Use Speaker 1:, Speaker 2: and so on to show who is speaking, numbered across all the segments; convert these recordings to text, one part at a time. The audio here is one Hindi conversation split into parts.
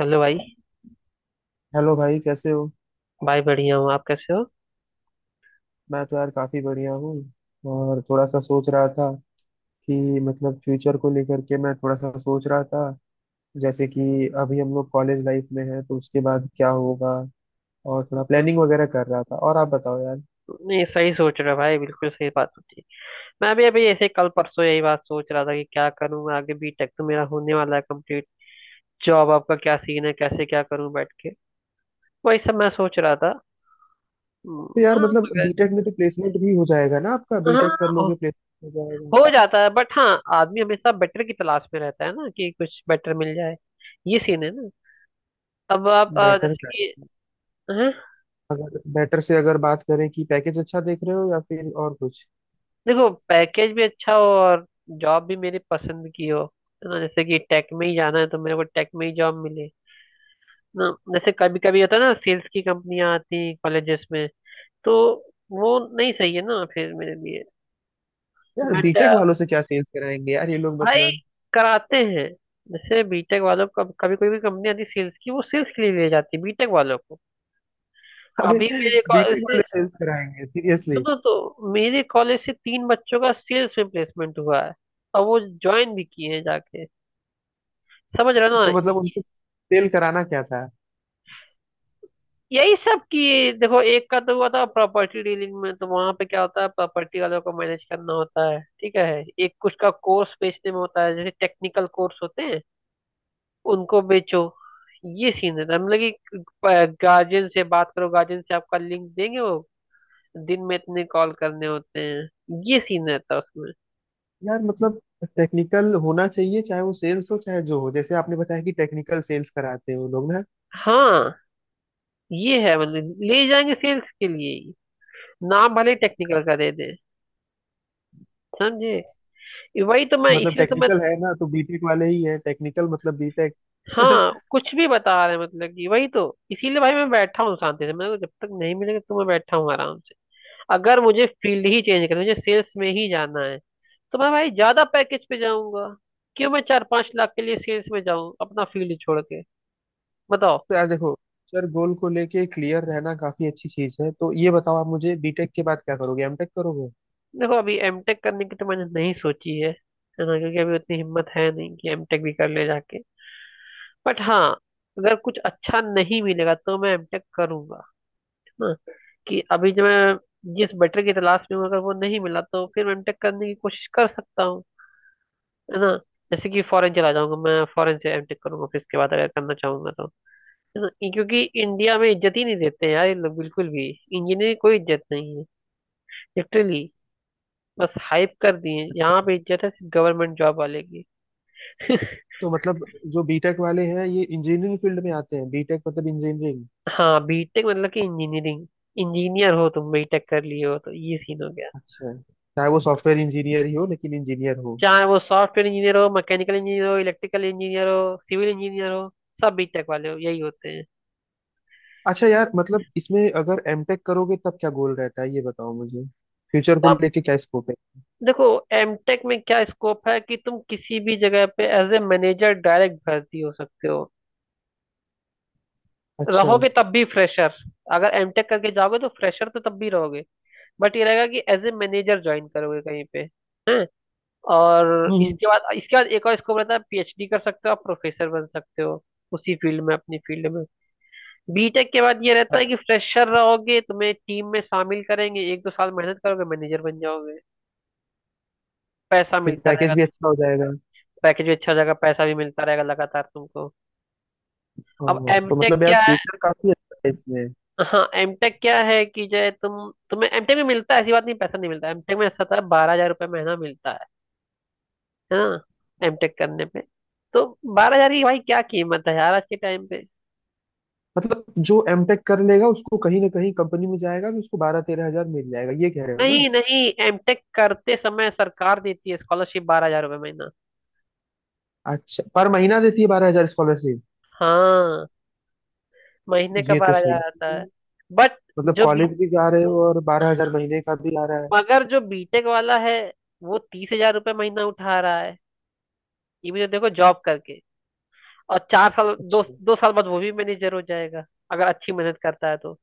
Speaker 1: हेलो भाई।
Speaker 2: हेलो भाई कैसे हो।
Speaker 1: भाई बढ़िया हूँ, आप कैसे हो?
Speaker 2: मैं तो यार काफी बढ़िया हूँ। और थोड़ा सा सोच रहा था कि मतलब फ्यूचर को लेकर के मैं थोड़ा सा सोच रहा था। जैसे कि अभी हम लोग कॉलेज लाइफ में हैं तो उसके बाद क्या होगा, और थोड़ा प्लानिंग
Speaker 1: हम्म,
Speaker 2: वगैरह कर रहा था। और आप बताओ यार।
Speaker 1: नहीं सही सोच रहा भाई, बिल्कुल सही बात होती है। मैं अभी अभी ऐसे कल परसों यही बात सोच रहा था कि क्या करूँ मैं आगे, बीटेक तो मेरा होने वाला है कंप्लीट। जॉब आपका क्या सीन है, कैसे क्या करूँ बैठ के, वही सब मैं सोच रहा था।
Speaker 2: तो यार
Speaker 1: हाँ
Speaker 2: मतलब
Speaker 1: मगर।
Speaker 2: बीटेक में तो प्लेसमेंट भी हो जाएगा ना, आपका बीटेक कर
Speaker 1: हाँ,
Speaker 2: लोगे प्लेसमेंट हो जाएगा।
Speaker 1: हो जाता है बट हाँ आदमी हमेशा बेटर की तलाश में रहता है ना, कि कुछ बेटर मिल जाए। ये सीन है ना। अब आप
Speaker 2: बेटर
Speaker 1: जैसे
Speaker 2: का
Speaker 1: कि। हाँ,
Speaker 2: अगर बेटर से अगर बात करें कि पैकेज अच्छा देख रहे हो या फिर और कुछ।
Speaker 1: देखो पैकेज भी अच्छा हो और जॉब भी मेरे पसंद की हो। है ना, जैसे कि टेक में ही जाना है तो मेरे को टेक में ही जॉब मिले ना। जैसे कभी कभी होता है ना, सेल्स की कंपनियां आती हैं कॉलेजेस में, तो वो नहीं सही है ना फिर मेरे लिए।
Speaker 2: यार
Speaker 1: बट
Speaker 2: बीटेक वालों से क्या सेल्स कराएंगे यार, ये लोग
Speaker 1: भाई
Speaker 2: मतलब।
Speaker 1: कराते हैं। जैसे बीटेक वालों को कभी कोई भी कंपनी आती है सेल्स की, वो सेल्स के लिए ले जाती है बीटेक वालों को।
Speaker 2: अरे
Speaker 1: अभी मेरे कॉलेज
Speaker 2: बीटेक
Speaker 1: से,
Speaker 2: वाले सेल्स कराएंगे सीरियसली?
Speaker 1: सुनो, तो मेरे कॉलेज से तीन बच्चों का सेल्स में प्लेसमेंट हुआ है और वो ज्वाइन भी किए हैं जाके। समझ रहे हो ना
Speaker 2: तो मतलब उनको सेल कराना क्या था।
Speaker 1: यही सब की। देखो एक का तो हुआ था प्रॉपर्टी डीलिंग में, तो वहां पे क्या होता है प्रॉपर्टी वालों को मैनेज करना होता है, ठीक है। एक कुछ का कोर्स बेचने में होता है, जैसे टेक्निकल कोर्स होते हैं उनको बेचो। ये सीन रहता है, मतलब कि गार्जियन से बात करो, गार्जियन से आपका लिंक देंगे वो, दिन में इतने कॉल करने होते हैं, ये सीन रहता है उसमें।
Speaker 2: यार मतलब टेक्निकल होना चाहिए, चाहे वो सेल्स हो चाहे जो हो, जैसे आपने बताया कि टेक्निकल सेल्स कराते हैं वो लोग ना।
Speaker 1: हाँ ये है, मतलब ले जाएंगे सेल्स के लिए ही। नाम भले टेक्निकल का दे दें, समझे। ये वही तो, मैं
Speaker 2: मतलब
Speaker 1: इसलिए तो मैं,
Speaker 2: टेक्निकल है ना तो बीटेक वाले ही है टेक्निकल, मतलब बीटेक।
Speaker 1: हाँ कुछ भी बता रहे हैं, मतलब कि वही तो। इसीलिए भाई मैं बैठा हूँ शांति से, मैं तो जब तक नहीं मिलेगा तो मैं बैठा हूँ आराम से। अगर मुझे फील्ड ही चेंज करना है, मुझे सेल्स में ही जाना है, तो मैं भाई ज्यादा पैकेज पे जाऊंगा। क्यों मैं 4-5 लाख के लिए सेल्स में जाऊं अपना फील्ड छोड़ के, बताओ।
Speaker 2: तो यार देखो, सर गोल को लेके क्लियर रहना काफी अच्छी चीज है, तो ये बताओ आप मुझे, बीटेक के बाद क्या करोगे, एमटेक करोगे?
Speaker 1: देखो अभी एमटेक करने की तो मैंने नहीं सोची है ना, क्योंकि अभी उतनी हिम्मत है नहीं कि एमटेक भी कर ले जाके। बट हाँ, अगर कुछ अच्छा नहीं मिलेगा तो मैं एमटेक करूंगा। है ना, कि अभी जो मैं जिस बेटर की तलाश में हूँ अगर वो नहीं मिला तो फिर मैं एमटेक करने की कोशिश कर सकता हूँ। है ना, जैसे कि फॉरेन चला जाऊंगा, मैं फॉरेन से एमटेक करूंगा फिर इसके बाद अगर करना चाहूंगा तो। है ना क्योंकि इंडिया में इज्जत ही नहीं देते हैं यार ये लोग बिल्कुल भी। इंजीनियर कोई इज्जत नहीं है, लिटरली। बस हाइप कर दिए हैं।
Speaker 2: अच्छा।
Speaker 1: यहाँ पे इज्जत है सिर्फ गवर्नमेंट जॉब वाले की।
Speaker 2: तो मतलब जो बीटेक वाले हैं ये इंजीनियरिंग फील्ड में आते हैं, बीटेक मतलब इंजीनियरिंग।
Speaker 1: हाँ, बीटेक मतलब कि इंजीनियरिंग। इंजीनियर हो तुम, बीटेक कर लिए हो तो ये सीन हो गया।
Speaker 2: अच्छा। चाहे वो सॉफ्टवेयर इंजीनियर ही हो लेकिन इंजीनियर हो।
Speaker 1: चाहे वो सॉफ्टवेयर इंजीनियर हो, मैकेनिकल इंजीनियर हो, इलेक्ट्रिकल इंजीनियर हो, सिविल इंजीनियर हो, सब बीटेक वाले हो, यही होते हैं।
Speaker 2: अच्छा यार, मतलब इसमें अगर एमटेक करोगे तब क्या गोल रहता है ये बताओ मुझे, फ्यूचर को
Speaker 1: तब
Speaker 2: लेके क्या स्कोप है।
Speaker 1: देखो, एमटेक में क्या स्कोप है कि तुम किसी भी जगह पे एज ए मैनेजर डायरेक्ट भर्ती हो सकते हो।
Speaker 2: अच्छा।
Speaker 1: रहोगे तब भी फ्रेशर, अगर एमटेक करके जाओगे तो फ्रेशर तो तब भी रहोगे, बट ये रहेगा कि एज ए मैनेजर ज्वाइन करोगे कहीं पे। हैं। और
Speaker 2: हम्म,
Speaker 1: इसके बाद, इसके बाद एक और स्कोप रहता है, पीएचडी कर सकते हो, आप प्रोफेसर बन सकते हो उसी फील्ड में, अपनी फील्ड में। बीटेक के बाद ये रहता है कि फ्रेशर रहोगे, तुम्हें टीम में शामिल करेंगे, एक दो साल मेहनत करोगे मैनेजर बन जाओगे, पैसा
Speaker 2: फिर
Speaker 1: मिलता रहेगा
Speaker 2: पैकेज भी
Speaker 1: तो
Speaker 2: अच्छा हो जाएगा।
Speaker 1: पैकेज भी अच्छा हो जाएगा, पैसा भी मिलता रहेगा लगातार तुमको। अब
Speaker 2: ओह, तो
Speaker 1: एमटेक
Speaker 2: मतलब यार
Speaker 1: क्या है,
Speaker 2: फ्यूचर काफी अच्छा है इसमें।
Speaker 1: हाँ एमटेक क्या है कि जो है तुम्हें एमटेक में मिलता है, ऐसी बात नहीं, पैसा नहीं मिलता एमटेक में, ऐसा था 12,000 रुपये महीना मिलता है ना एमटेक करने पे। तो बारह हजार की भाई क्या कीमत है यार आज के टाइम पे।
Speaker 2: मतलब जो एमटेक कर लेगा उसको कहीं ना कहीं कंपनी में जाएगा तो उसको 12-13 हजार मिल जाएगा, ये कह रहे हो ना?
Speaker 1: नहीं नहीं, एमटेक करते समय सरकार देती है स्कॉलरशिप 12,000 रुपये महीना।
Speaker 2: अच्छा, पर महीना देती है 12,000 स्कॉलरशिप?
Speaker 1: हाँ, महीने का
Speaker 2: ये तो
Speaker 1: बारह
Speaker 2: सही
Speaker 1: हजार आता
Speaker 2: है।
Speaker 1: है। बट
Speaker 2: मतलब
Speaker 1: जो बी
Speaker 2: कॉलेज भी जा रहे हो और 12,000 महीने का भी आ रहा है।
Speaker 1: मगर जो बीटेक वाला है वो 30,000 रुपये महीना उठा रहा है। ये भी तो देखो जॉब करके, और चार साल, दो
Speaker 2: अच्छा।
Speaker 1: दो साल बाद वो भी मैनेजर हो जाएगा अगर अच्छी मेहनत करता है तो।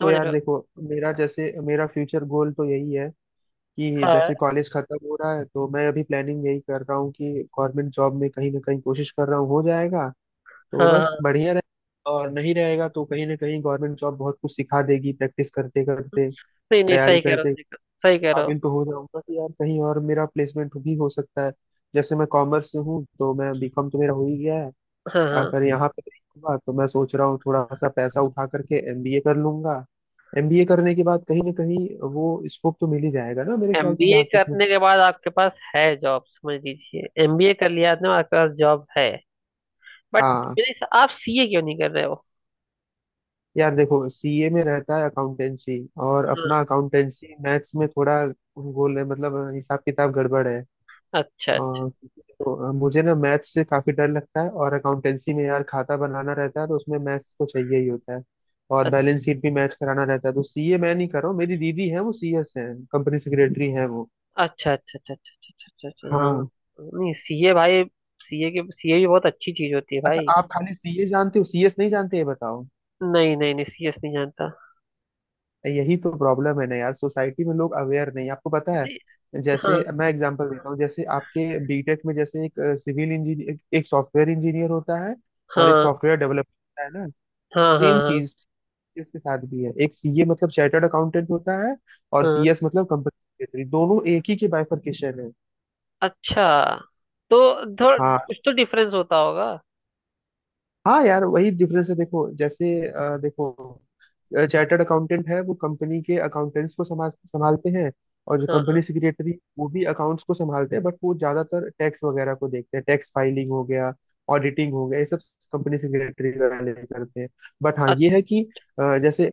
Speaker 2: तो
Speaker 1: समझ रहे
Speaker 2: यार
Speaker 1: हो।
Speaker 2: देखो, मेरा जैसे मेरा फ्यूचर गोल तो यही है कि
Speaker 1: हाँ
Speaker 2: जैसे कॉलेज खत्म हो रहा है तो मैं अभी प्लानिंग यही कर रहा हूँ कि गवर्नमेंट जॉब में कहीं ना कहीं कोशिश कर रहा हूँ, हो जाएगा तो
Speaker 1: हाँ
Speaker 2: बस
Speaker 1: हाँ।
Speaker 2: बढ़िया रहे। और नहीं रहेगा तो कहीं ना कहीं गवर्नमेंट जॉब बहुत कुछ सिखा देगी, प्रैक्टिस करते करते
Speaker 1: नहीं नहीं,
Speaker 2: तैयारी
Speaker 1: सही कह रहे हो,
Speaker 2: करते,
Speaker 1: सही कह रहे हो।
Speaker 2: काबिल तो हो जाऊंगा कि यार कहीं और मेरा प्लेसमेंट भी हो सकता है। जैसे मैं कॉमर्स से हूँ तो मैं बीकॉम तो मेरा हो ही गया है।
Speaker 1: हाँ
Speaker 2: अगर
Speaker 1: हाँ।
Speaker 2: यहाँ पे नहीं होगा तो मैं सोच रहा हूँ थोड़ा सा पैसा उठा करके एमबीए कर लूंगा। एमबीए करने के बाद कहीं ना कहीं, वो स्कोप तो मिल ही जाएगा ना मेरे ख्याल से
Speaker 1: एमबीए
Speaker 2: जहाँ तक मुझे।
Speaker 1: करने के बाद आपके पास है जॉब, समझ लीजिए एमबीए कर लिया आपने, आपके पास जॉब है
Speaker 2: हाँ।
Speaker 1: बट आप सीए क्यों नहीं कर रहे हो।
Speaker 2: यार देखो सीए में रहता है अकाउंटेंसी, और अपना
Speaker 1: हाँ।
Speaker 2: अकाउंटेंसी मैथ्स में थोड़ा गोल है, मतलब हिसाब किताब गड़बड़ है।
Speaker 1: अच्छा अच्छा
Speaker 2: तो मुझे ना मैथ्स से काफी डर लगता है, और अकाउंटेंसी में यार खाता बनाना रहता है तो उसमें मैथ्स तो चाहिए ही होता है, और बैलेंस शीट भी मैच कराना रहता है, तो सीए मैं नहीं कर रहा हूँ। मेरी दीदी है वो सीएस है, कंपनी सेक्रेटरी है वो।
Speaker 1: अच्छा अच्छा। अच्छा अच्छा अच्छा अच्छा, अच्छा, हाँ।
Speaker 2: हाँ।
Speaker 1: नहीं सीए भाई, सीए भी बहुत अच्छी चीज होती है
Speaker 2: अच्छा
Speaker 1: भाई।
Speaker 2: आप खाली सीए जानते हो, सीएस नहीं जानते, ये बताओ?
Speaker 1: नहीं नहीं नहीं, सीएस नहीं जानता।
Speaker 2: यही तो प्रॉब्लम है ना यार, सोसाइटी में लोग अवेयर नहीं, आपको पता है।
Speaker 1: नहीं,
Speaker 2: जैसे
Speaker 1: हाँ
Speaker 2: मैं एग्जांपल देता हूँ, जैसे आपके बीटेक में जैसे एक सिविल इंजीनियर, एक सॉफ्टवेयर इंजीनियर होता है, और एक
Speaker 1: हाँ
Speaker 2: सॉफ्टवेयर डेवलपर होता है।
Speaker 1: हाँ हाँ
Speaker 2: सेम
Speaker 1: हाँ
Speaker 2: चीज इसके साथ भी है, एक सीए मतलब चार्टर्ड अकाउंटेंट होता है, और
Speaker 1: हाँ।
Speaker 2: सीएस मतलब कंपनी सेक्रेटरी। दोनों एक ही के बाइफरकेशन है।
Speaker 1: अच्छा, तो थोड़ा
Speaker 2: हाँ।
Speaker 1: कुछ तो डिफरेंस होता होगा।
Speaker 2: हाँ यार वही डिफरेंस है, देखो जैसे देखो, चार्टर्ड अकाउंटेंट है वो कंपनी के अकाउंटेंट्स को संभाल संभालते हैं। और जो
Speaker 1: हाँ
Speaker 2: कंपनी सेक्रेटरी वो भी अकाउंट्स को संभालते हैं, बट वो ज्यादातर टैक्स वगैरह को देखते हैं, टैक्स फाइलिंग हो गया, ऑडिटिंग हो गया, ये सब कंपनी सेक्रेटरी वाले करते हैं। बट हाँ
Speaker 1: अ-
Speaker 2: ये है कि जैसे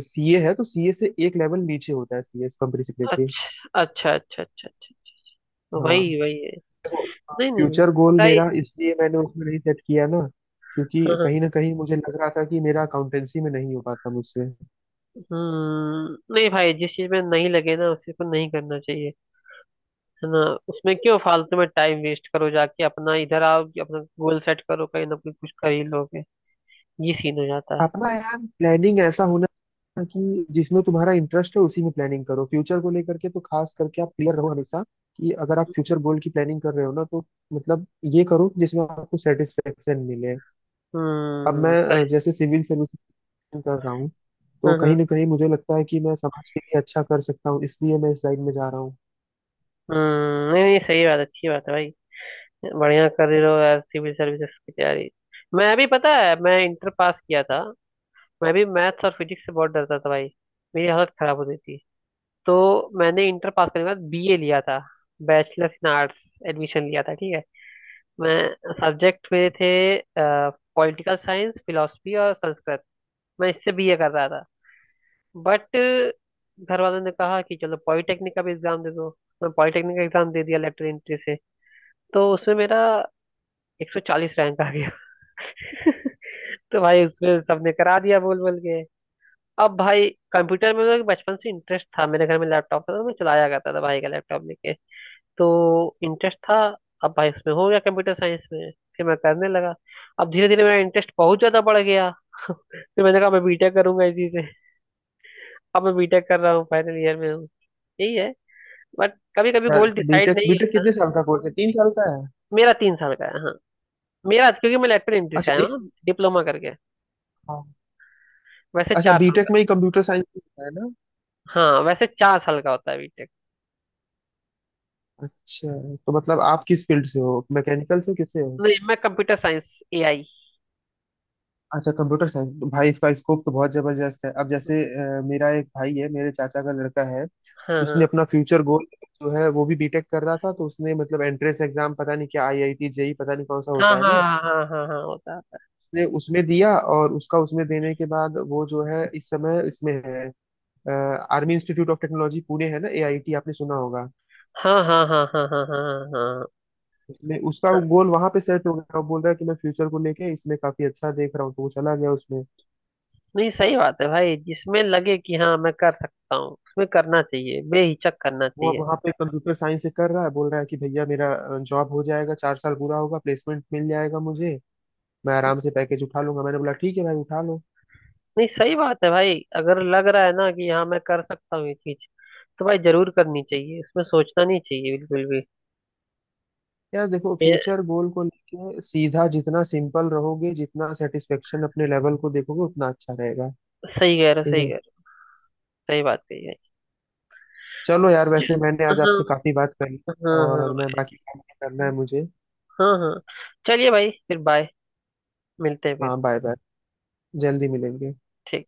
Speaker 2: सीए है तो सीए से एक लेवल नीचे होता है सीए कंपनी सेक्रेटरी।
Speaker 1: अच्छा अच्छा अच्छा अच्छा अच्छा।
Speaker 2: हाँ।
Speaker 1: वही वही है। नहीं नहीं नहीं,
Speaker 2: फ्यूचर गोल
Speaker 1: सही।
Speaker 2: मेरा इसलिए मैंने उसमें नहीं सेट किया ना, क्योंकि
Speaker 1: हाँ हाँ,
Speaker 2: कहीं ना कहीं मुझे लग रहा था कि मेरा अकाउंटेंसी में नहीं हो पाता मुझसे।
Speaker 1: हम्म, नहीं भाई जिस चीज में नहीं लगे ना उसी को नहीं करना चाहिए, है ना। उसमें क्यों फालतू में टाइम वेस्ट करो जाके अपना, इधर आओ कि अपना गोल सेट करो, कहीं ना कहीं कुछ कर ही लोगे, ये सीन हो जाता है।
Speaker 2: अपना यार प्लानिंग ऐसा होना चाहिए कि जिसमें तुम्हारा इंटरेस्ट है उसी में प्लानिंग करो, फ्यूचर को लेकर के तो खास करके आप क्लियर रहो हमेशा कि अगर आप फ्यूचर गोल की प्लानिंग कर रहे हो ना, तो मतलब ये करो जिसमें आपको सेटिस्फेक्शन मिले। अब मैं
Speaker 1: हम्म, सही।
Speaker 2: जैसे सिविल सर्विस कर रहा हूँ, तो
Speaker 1: हम्म।
Speaker 2: कहीं ना कहीं मुझे लगता है कि मैं समाज के लिए अच्छा कर सकता हूँ, इसलिए मैं इस लाइन में जा रहा हूँ।
Speaker 1: नहीं नहीं, सही बात, अच्छी बात है भाई। बढ़िया कर रहे हो यार सिविल सर्विसेज की तैयारी। मैं भी, पता है, मैं इंटर पास किया था, मैं भी मैथ्स और फिजिक्स से बहुत डरता था भाई, मेरी हालत खराब होती थी। तो मैंने इंटर पास करने के बाद बीए लिया था, बैचलर इन आर्ट्स, एडमिशन लिया था, ठीक है। मैं सब्जेक्ट मेरे थे पॉलिटिकल साइंस, फिलोसफी और संस्कृत, मैं इससे बीए कर रहा था। बट घर वालों ने कहा कि चलो पॉलिटेक्निक का भी एग्जाम दे दो, तो मैं पॉलिटेक्निक का एग्जाम दे दिया लेटर एंट्री से, तो उसमें मेरा 140 रैंक आ गया। तो भाई उसमें सबने करा दिया बोल बोल के। अब भाई कंप्यूटर में मेरा बचपन से इंटरेस्ट था, मेरे घर में लैपटॉप था तो मैं चलाया करता था भाई का लैपटॉप लेके, तो इंटरेस्ट था। अब भाई उसमें हो गया कंप्यूटर साइंस में, फिर मैं करने लगा, अब धीरे धीरे मेरा इंटरेस्ट बहुत ज्यादा बढ़ गया। फिर मैंने कहा मैं बीटेक करूंगा इसी से। अब मैं बीटेक कर रहा हूँ, फाइनल ईयर में हूँ, यही है बट कभी कभी
Speaker 2: यार
Speaker 1: गोल डिसाइड
Speaker 2: बीटेक
Speaker 1: नहीं
Speaker 2: बीटेक
Speaker 1: होता।
Speaker 2: कितने साल का कोर्स है, 3 साल का है?
Speaker 1: मेरा तीन साल का है, हाँ। मेरा, क्योंकि मैं लेटरल एंट्री से
Speaker 2: अच्छा।
Speaker 1: आया हूँ ना,
Speaker 2: एक,
Speaker 1: डिप्लोमा करके,
Speaker 2: हाँ।
Speaker 1: वैसे
Speaker 2: अच्छा
Speaker 1: चार साल का।
Speaker 2: बीटेक में ही कंप्यूटर साइंस होता है ना?
Speaker 1: हाँ, वैसे चार साल का होता है बीटेक।
Speaker 2: अच्छा। तो मतलब आप किस फील्ड से हो, मैकेनिकल से किससे हो?
Speaker 1: नहीं, मैं कंप्यूटर साइंस एआई।
Speaker 2: अच्छा कंप्यूटर साइंस भाई, इसका स्कोप तो बहुत जबरदस्त है अब। जैसे मेरा एक भाई है, मेरे चाचा का लड़का है,
Speaker 1: हाँ
Speaker 2: उसने
Speaker 1: हाँ
Speaker 2: अपना फ्यूचर गोल, जो है वो भी बीटेक कर रहा था, तो उसने मतलब एंट्रेंस एग्जाम पता नहीं क्या आईआईटी जेई पता नहीं कौन सा
Speaker 1: हाँ
Speaker 2: होता है
Speaker 1: हाँ
Speaker 2: ना।
Speaker 1: हाँ हाँ हाँ हाँ, होता है।
Speaker 2: उसने उसमें दिया, और उसका उसमें देने के बाद वो जो है इस समय इसमें है army institute of technology Pune, है ना, एआईटी, आपने सुना होगा।
Speaker 1: हाँ हाँ हाँ हाँ हाँ हाँ हाँ हाँ, हाँ।
Speaker 2: उसमें उसका गोल वहां पे सेट हो गया, वो बोल रहा है कि मैं फ्यूचर को लेके इसमें काफी अच्छा देख रहा हूँ, तो वो चला गया उसमें।
Speaker 1: नहीं सही बात है भाई, जिसमें लगे कि हाँ मैं कर सकता हूँ उसमें करना चाहिए, बेहिचक करना
Speaker 2: वो अब
Speaker 1: चाहिए।
Speaker 2: वहां पे कंप्यूटर साइंस से कर रहा है, बोल रहा है कि भैया मेरा जॉब हो जाएगा, 4 साल पूरा होगा प्लेसमेंट मिल जाएगा मुझे, मैं आराम से पैकेज उठा लूंगा, मैंने बोला ठीक है भाई उठा लो।
Speaker 1: नहीं सही बात है भाई, अगर लग रहा है ना कि हाँ मैं कर सकता हूँ ये चीज, तो भाई जरूर करनी चाहिए, इसमें सोचना नहीं चाहिए बिल्कुल भी।
Speaker 2: यार देखो
Speaker 1: ये
Speaker 2: फ्यूचर गोल को लेके सीधा, जितना सिंपल रहोगे जितना सेटिस्फेक्शन अपने लेवल को देखोगे उतना अच्छा रहेगा।
Speaker 1: सही कह रहे हो,
Speaker 2: ठीक
Speaker 1: सही
Speaker 2: है।
Speaker 1: कह रहे हो। सही बात कही है।
Speaker 2: चलो यार
Speaker 1: च-
Speaker 2: वैसे मैंने आज आपसे
Speaker 1: हाँ
Speaker 2: काफी बात करी,
Speaker 1: हाँ
Speaker 2: और
Speaker 1: हाँ
Speaker 2: मैं बाकी काम भी करना है मुझे।
Speaker 1: हाँ हाँ। चलिए भाई फिर बाय, मिलते हैं फिर।
Speaker 2: हाँ बाय बाय, जल्दी मिलेंगे।
Speaker 1: ठीक।